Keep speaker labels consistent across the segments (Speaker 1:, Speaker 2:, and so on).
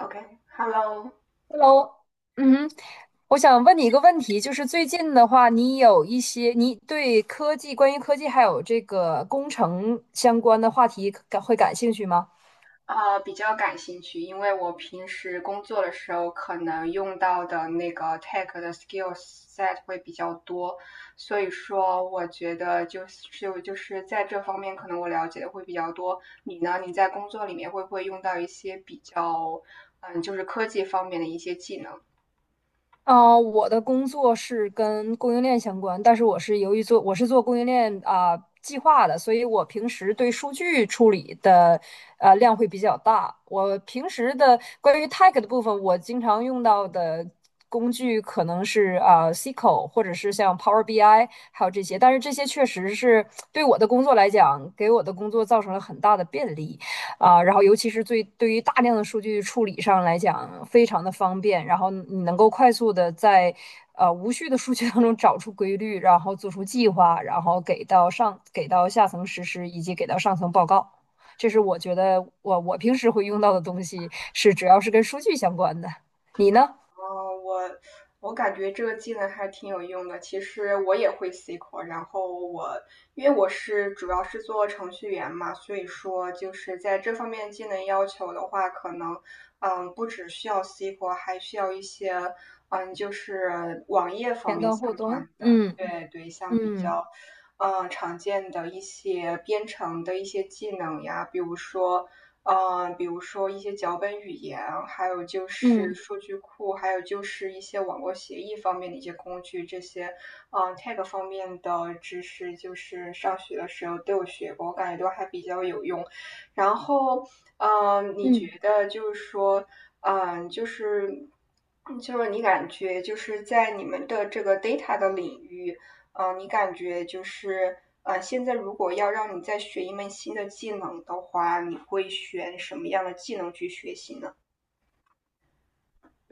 Speaker 1: OK,Hello,okay.
Speaker 2: Hello，嗯哼，我想问你一个问题，就是最近的话，你有一些你对科技，关于科技还有这个工程相关的话题感兴趣吗？
Speaker 1: 比较感兴趣，因为我平时工作的时候可能用到的那个 tech 的 skill set s 会比较多，所以说我觉得就是在这方面可能我了解的会比较多。你呢？你在工作里面会不会用到一些比较，就是科技方面的一些技能？
Speaker 2: 我的工作是跟供应链相关，但是我是由于我是做供应链计划的，所以我平时对数据处理的量会比较大。我平时的关于 tag 的部分，我经常用到的工具可能是SQL 或者是像 Power BI，还有这些，但是这些确实是对我的工作来讲，给我的工作造成了很大的便利。然后尤其是对于大量的数据处理上来讲，非常的方便，然后你能够快速的在无序的数据当中找出规律，然后做出计划，然后给到下层实施，以及给到上层报告。这是我觉得我平时会用到的东西，是只要是跟数据相关的。你呢？
Speaker 1: 哦，我感觉这个技能还挺有用的。其实我也会 SQL，然后我因为我是主要是做程序员嘛，所以说就是在这方面技能要求的话，可能不只需要 SQL，还需要一些就是网页方
Speaker 2: 前
Speaker 1: 面
Speaker 2: 端、
Speaker 1: 相
Speaker 2: 后端。
Speaker 1: 关的，对对，像比
Speaker 2: 嗯
Speaker 1: 较常见的一些编程的一些技能呀，比如说。嗯，比如说一些脚本语言，还有就是
Speaker 2: 嗯
Speaker 1: 数据库，还有就是一些网络协议方面的一些工具，这些，嗯 t a g 方面的知识，就是上学的时候都有学过，我感觉都还比较有用。然后，嗯，你
Speaker 2: 嗯嗯。嗯
Speaker 1: 觉得就是说，嗯，就是。就是你感觉就是在你们的这个 data 的领域，你感觉就是,现在如果要让你再学一门新的技能的话，你会选什么样的技能去学习呢？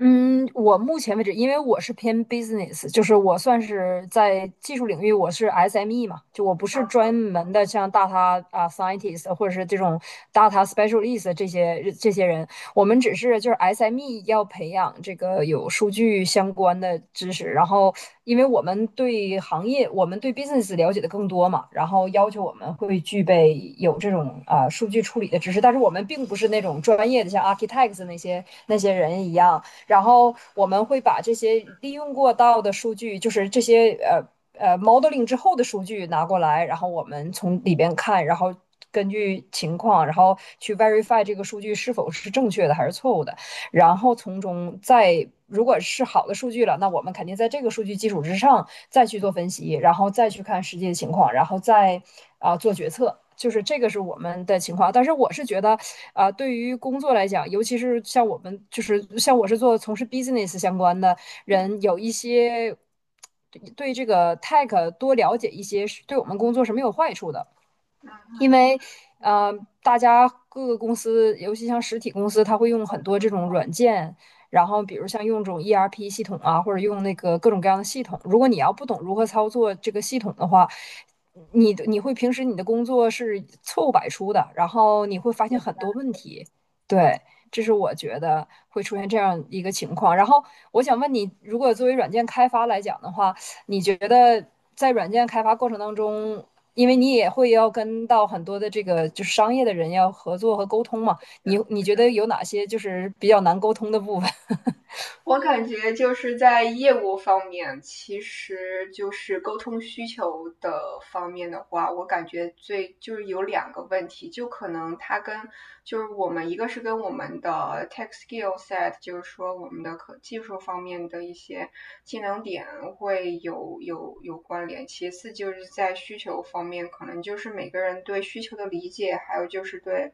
Speaker 2: 嗯，我目前为止，因为我是偏 business,就是我算是在技术领域，我是 SME 嘛，就我不是
Speaker 1: 嗯
Speaker 2: 专门的像 data 啊 scientist 或者是这种 data specialist 这些人，我们只是就是 SME 要培养这个有数据相关的知识，然后因为我们对行业，我们对 business 了解的更多嘛，然后要求我们会具备有这种数据处理的知识，但是我们并不是那种专业的像 architects 那些人一样。然后我们会把这些利用过到的数据，就是这些modeling 之后的数据拿过来，然后我们从里边看。然后根据情况，然后去 verify 这个数据是否是正确的还是错误的。然后从中再如果是好的数据了，那我们肯定在这个数据基础之上再去做分析，然后再去看实际的情况，然后再做决策。就是这个是我们的情况，但是我是觉得，对于工作来讲，尤其是像我们，就是像我是做从事 business 相关的人，有一些对这个 tech 多了解一些，对我们工作是没有坏处的。
Speaker 1: 嗯
Speaker 2: 因
Speaker 1: 嗯
Speaker 2: 为
Speaker 1: 嗯，
Speaker 2: 呃，大家各个公司，尤其像实体公司，它会用很多这种软件，
Speaker 1: 嗯
Speaker 2: 然
Speaker 1: 嗯
Speaker 2: 后比如像用这种 ERP 系统啊，或者用那个各种各样的系统。如果你要不懂如何操作这个系统的话，你会平时你的工作是错误百出的，然后你会发现很多问题。对，这是我觉得会出现这样一个情况。然后我想问你，如果作为软件开发来讲的话，你觉得在软件开发过程当中，因为你也会要跟到很多的这个就是商业的人要合作和沟通嘛，你觉得有哪些就是比较难沟通的部分？
Speaker 1: 我感觉就是在业务方面，其实就是沟通需求的方面的话，我感觉最就是有两个问题，就可能它跟就是我们一个是跟我们的 tech skill set，就是说我们的可技术方面的一些技能点会有关联。其次就是在需求方面，可能就是每个人对需求的理解，还有就是对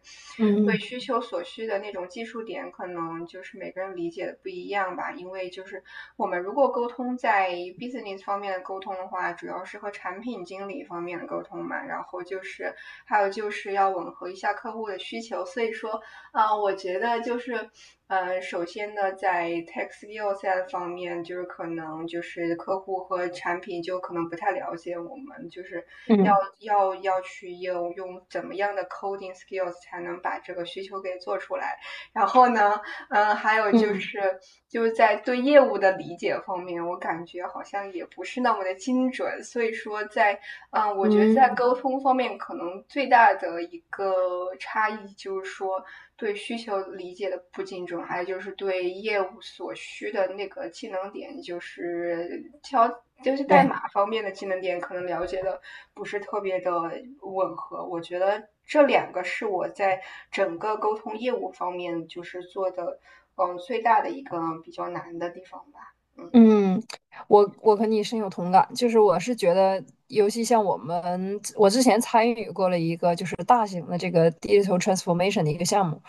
Speaker 1: 对
Speaker 2: 嗯
Speaker 1: 需求所需的那种技术点，可能就是每个人理解的不一样吧。因为就是我们如果沟通在 business 方面的沟通的话，主要是和产品经理方面的沟通嘛，然后就是还有就是要吻合一下客户的需求。所以说，啊，我觉得就是，呃，首先呢，在 tech skill set 方面，就是可能就是客户和产品就可能不太了解我们，就是要
Speaker 2: 嗯
Speaker 1: 要去应用怎么样的 coding skills 才能把这个需求给做出来。然后呢，嗯，还有
Speaker 2: 嗯
Speaker 1: 就
Speaker 2: 嗯
Speaker 1: 是就是在对业务的理解方面，我感觉好像也不是那么的精准，所以说在嗯，我觉得在
Speaker 2: 嗯，
Speaker 1: 沟通方面，可能最大的一个差异就是说对需求理解的不精准，还有就是对业务所需的那个技能点，就是挑就是代
Speaker 2: 对，
Speaker 1: 码方面的技能点，可能了解的不是特别的吻合，我觉得。这两个是我在整个沟通业务方面就是做的，嗯，最大的一个比较难的地方吧。
Speaker 2: 嗯，我和你深有同感，就是我是觉得，尤其像我们，我之前参与过了一个就是大型的这个 digital transformation 的一个项目，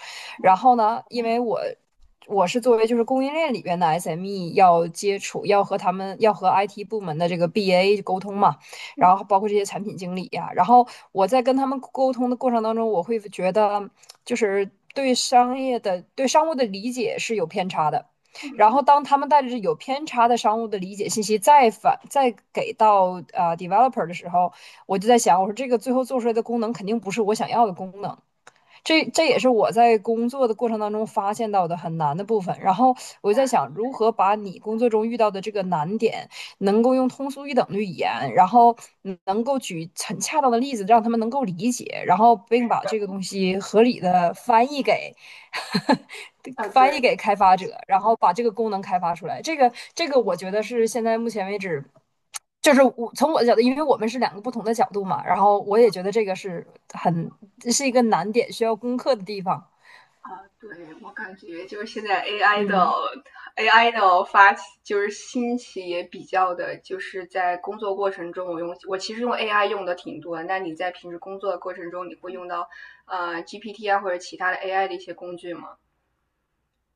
Speaker 2: 然后呢，因为我是作为就是供应链里边的 SME 要接触，要和他们要和 IT 部门的这个 BA 沟通嘛，然后包括这些产品经理呀、然后我在跟他们沟通的过程当中，我会觉得就是对商业的对商务的理解是有偏差的。然后当他们带着有偏差的商务的理解信息再给到developer 的时候，我就在想，我说这个最后做出来的功能肯定不是我想要的功能，这也是我在工作的过程当中发现到的很难的部分。然后我就在想，如何把你工作中遇到的这个难点，能够用通俗易懂的语言，然后能够举很恰当的例子，让他们能够理解，然后并把这个东西合理的翻译给
Speaker 1: 啊，呃
Speaker 2: 翻译
Speaker 1: 对
Speaker 2: 给开发者，然后把这个功能开发出来。这个，我觉得是现在目前为止。就是我从我的角度，因为我们是两个不同的角度嘛，然后我也觉得这个是很，是一个难点，需要攻克的地方。
Speaker 1: 啊,对，我感觉就是现在 AI 的
Speaker 2: 嗯。
Speaker 1: AI 的发起就是兴起也比较的，就是在工作过程中，我用我其实用 AI 用的挺多那你在平时工作的过程中，你会用到GPT 啊或者其他的 AI 的一些工具吗？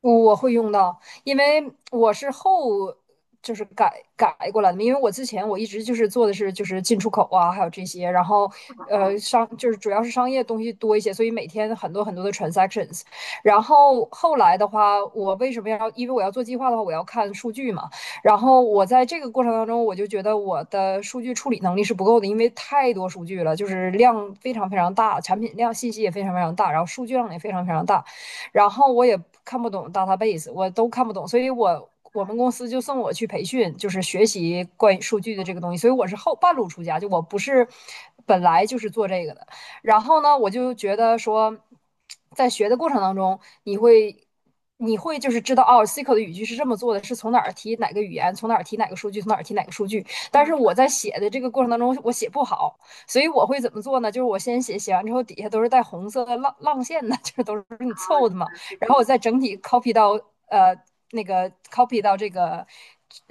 Speaker 2: 我会用到，因为我是就是改过来的嘛，因为我之前我一直就是做的是就是进出口啊，还有这些，然后
Speaker 1: 嗯，
Speaker 2: 就是主要是商业东西多一些，所以每天很多很多的 transactions。然后后来的话，我为什么要？因为我要做计划的话，我要看数据嘛。然后我在这个过程当中，我就觉得我的数据处理能力是不够的，因为太多数据了，就是量非常非常大，产品量信息也非常非常大，然后数据量也非常非常大。然后我也看不懂 database,我都看不懂，所以我们公司就送我去培训，就是学习关于数据的这个东西，所以我是后半路出家，就我不是本来就是做这个的。然后呢，我就觉得说，在学的过程当中，你会。你会就是知道哦，SQL 的语句是这么做的，是从哪儿提哪个语言，从哪儿提哪个数据，从哪儿提哪个数据。但是
Speaker 1: 嗯，
Speaker 2: 我在写的这个过程当中，我写不好，所以我会怎么做呢？就是我先写，写完之后底下都是带红色的浪线的，就是都是你
Speaker 1: 好，原
Speaker 2: 凑的嘛，
Speaker 1: 来是
Speaker 2: 然
Speaker 1: 这
Speaker 2: 后我
Speaker 1: 样。
Speaker 2: 再整体 copy 到呃这个。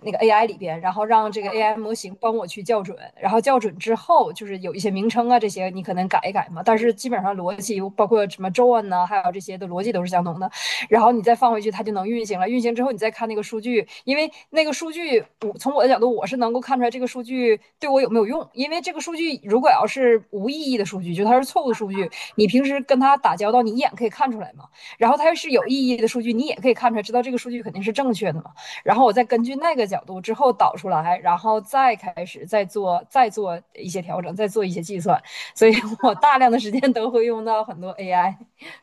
Speaker 2: 那个 AI 里边，然后让这个 AI 模型帮我去校准，然后校准之后，就是有一些名称啊这些你可能改一改嘛，但是基本上逻辑包括什么 Join 呢，还有这些的逻辑都是相同的。然后你再放回去，它就能运行了。运行之后，你再看那个数据，因为那个数据，我从我的角度，我是能够看出来这个数据对我有没有用。因为这个数据如果要是无意义的数据，就它是错误的数据，你平时跟它打交道，你一眼可以看出来嘛。然后它要是有意义的数据，你也可以看出来，知道这个数据肯定是正确的嘛。然后我再根据那个角度之后导出来，然后再开始再做一些调整，再做一些计算。所以我大量的时间都会用到很多 AI。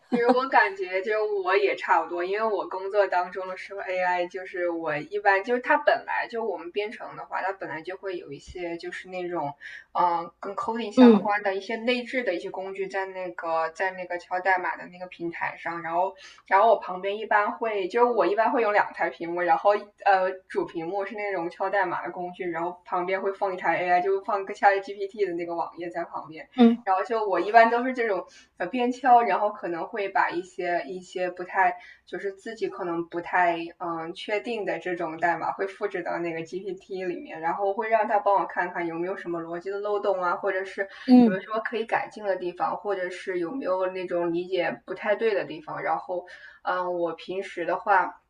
Speaker 1: 其实我感觉就我也差不多，因为我工作当中的时候，AI 就是我一般就是它本来就我们编程的话，它本来就会有一些就是那种，跟 coding 相关的一些内置的一些工具在那个敲代码的那个平台上，然后然后我旁边一般会就是我一般会有两台屏幕，然后主屏幕是那种敲代码的工具，然后旁边会放一台 AI，就放个 ChatGPT 的那个网页在旁边。
Speaker 2: 嗯嗯
Speaker 1: 然后就我一般都是这种边敲，然后可能会把一些不太就是自己可能不太确定的这种代码会复制到那个 GPT 里面，然后会让他帮我看看有没有什么逻辑的漏洞啊，或者是
Speaker 2: 嗯
Speaker 1: 有没有
Speaker 2: 嗯。
Speaker 1: 什么可以改进的地方，或者是有没有那种理解不太对的地方。然后嗯，我平时的话。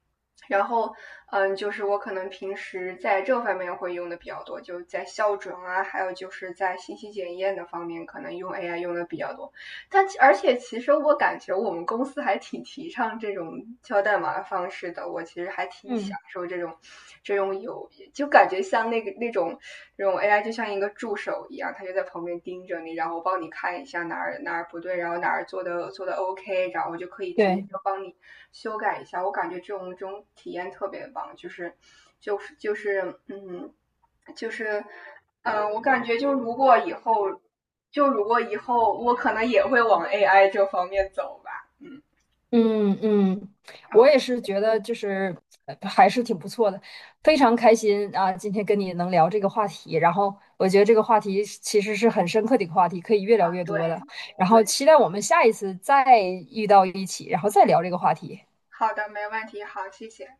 Speaker 1: 然后，嗯，就是我可能平时在这方面会用的比较多，就在校准啊，还有就是在信息检验的方面，可能用 AI 用的比较多。但而且其实我感觉我们公司还挺提倡这种敲代码的方式的，我其实还挺
Speaker 2: 嗯嗯
Speaker 1: 享受这种这种有，就感觉像那种 AI 就像一个助手一样，他就在旁边盯着你，然后帮你看一下哪儿哪儿不对，然后哪儿做的 OK，然后我就可以直接
Speaker 2: 对，
Speaker 1: 就帮你修改一下。我感觉这种这种体验特别棒，就是就是嗯就是。我感觉就如果以后我可能也会往 AI 这方面走吧。嗯
Speaker 2: 嗯嗯，我
Speaker 1: ，OK，
Speaker 2: 也是觉得就是还是挺不错的，非常开心啊！今天跟你能聊这个话题，然后我觉得这个话题是其实是很深刻的一个话题，可以越聊越
Speaker 1: 对
Speaker 2: 多的。然
Speaker 1: 对，
Speaker 2: 后期待我们下一次再遇到一起，然后再聊这个话题。
Speaker 1: 好的，没问题，好，谢谢，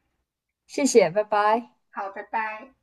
Speaker 2: 谢谢，拜拜。
Speaker 1: 好，拜拜。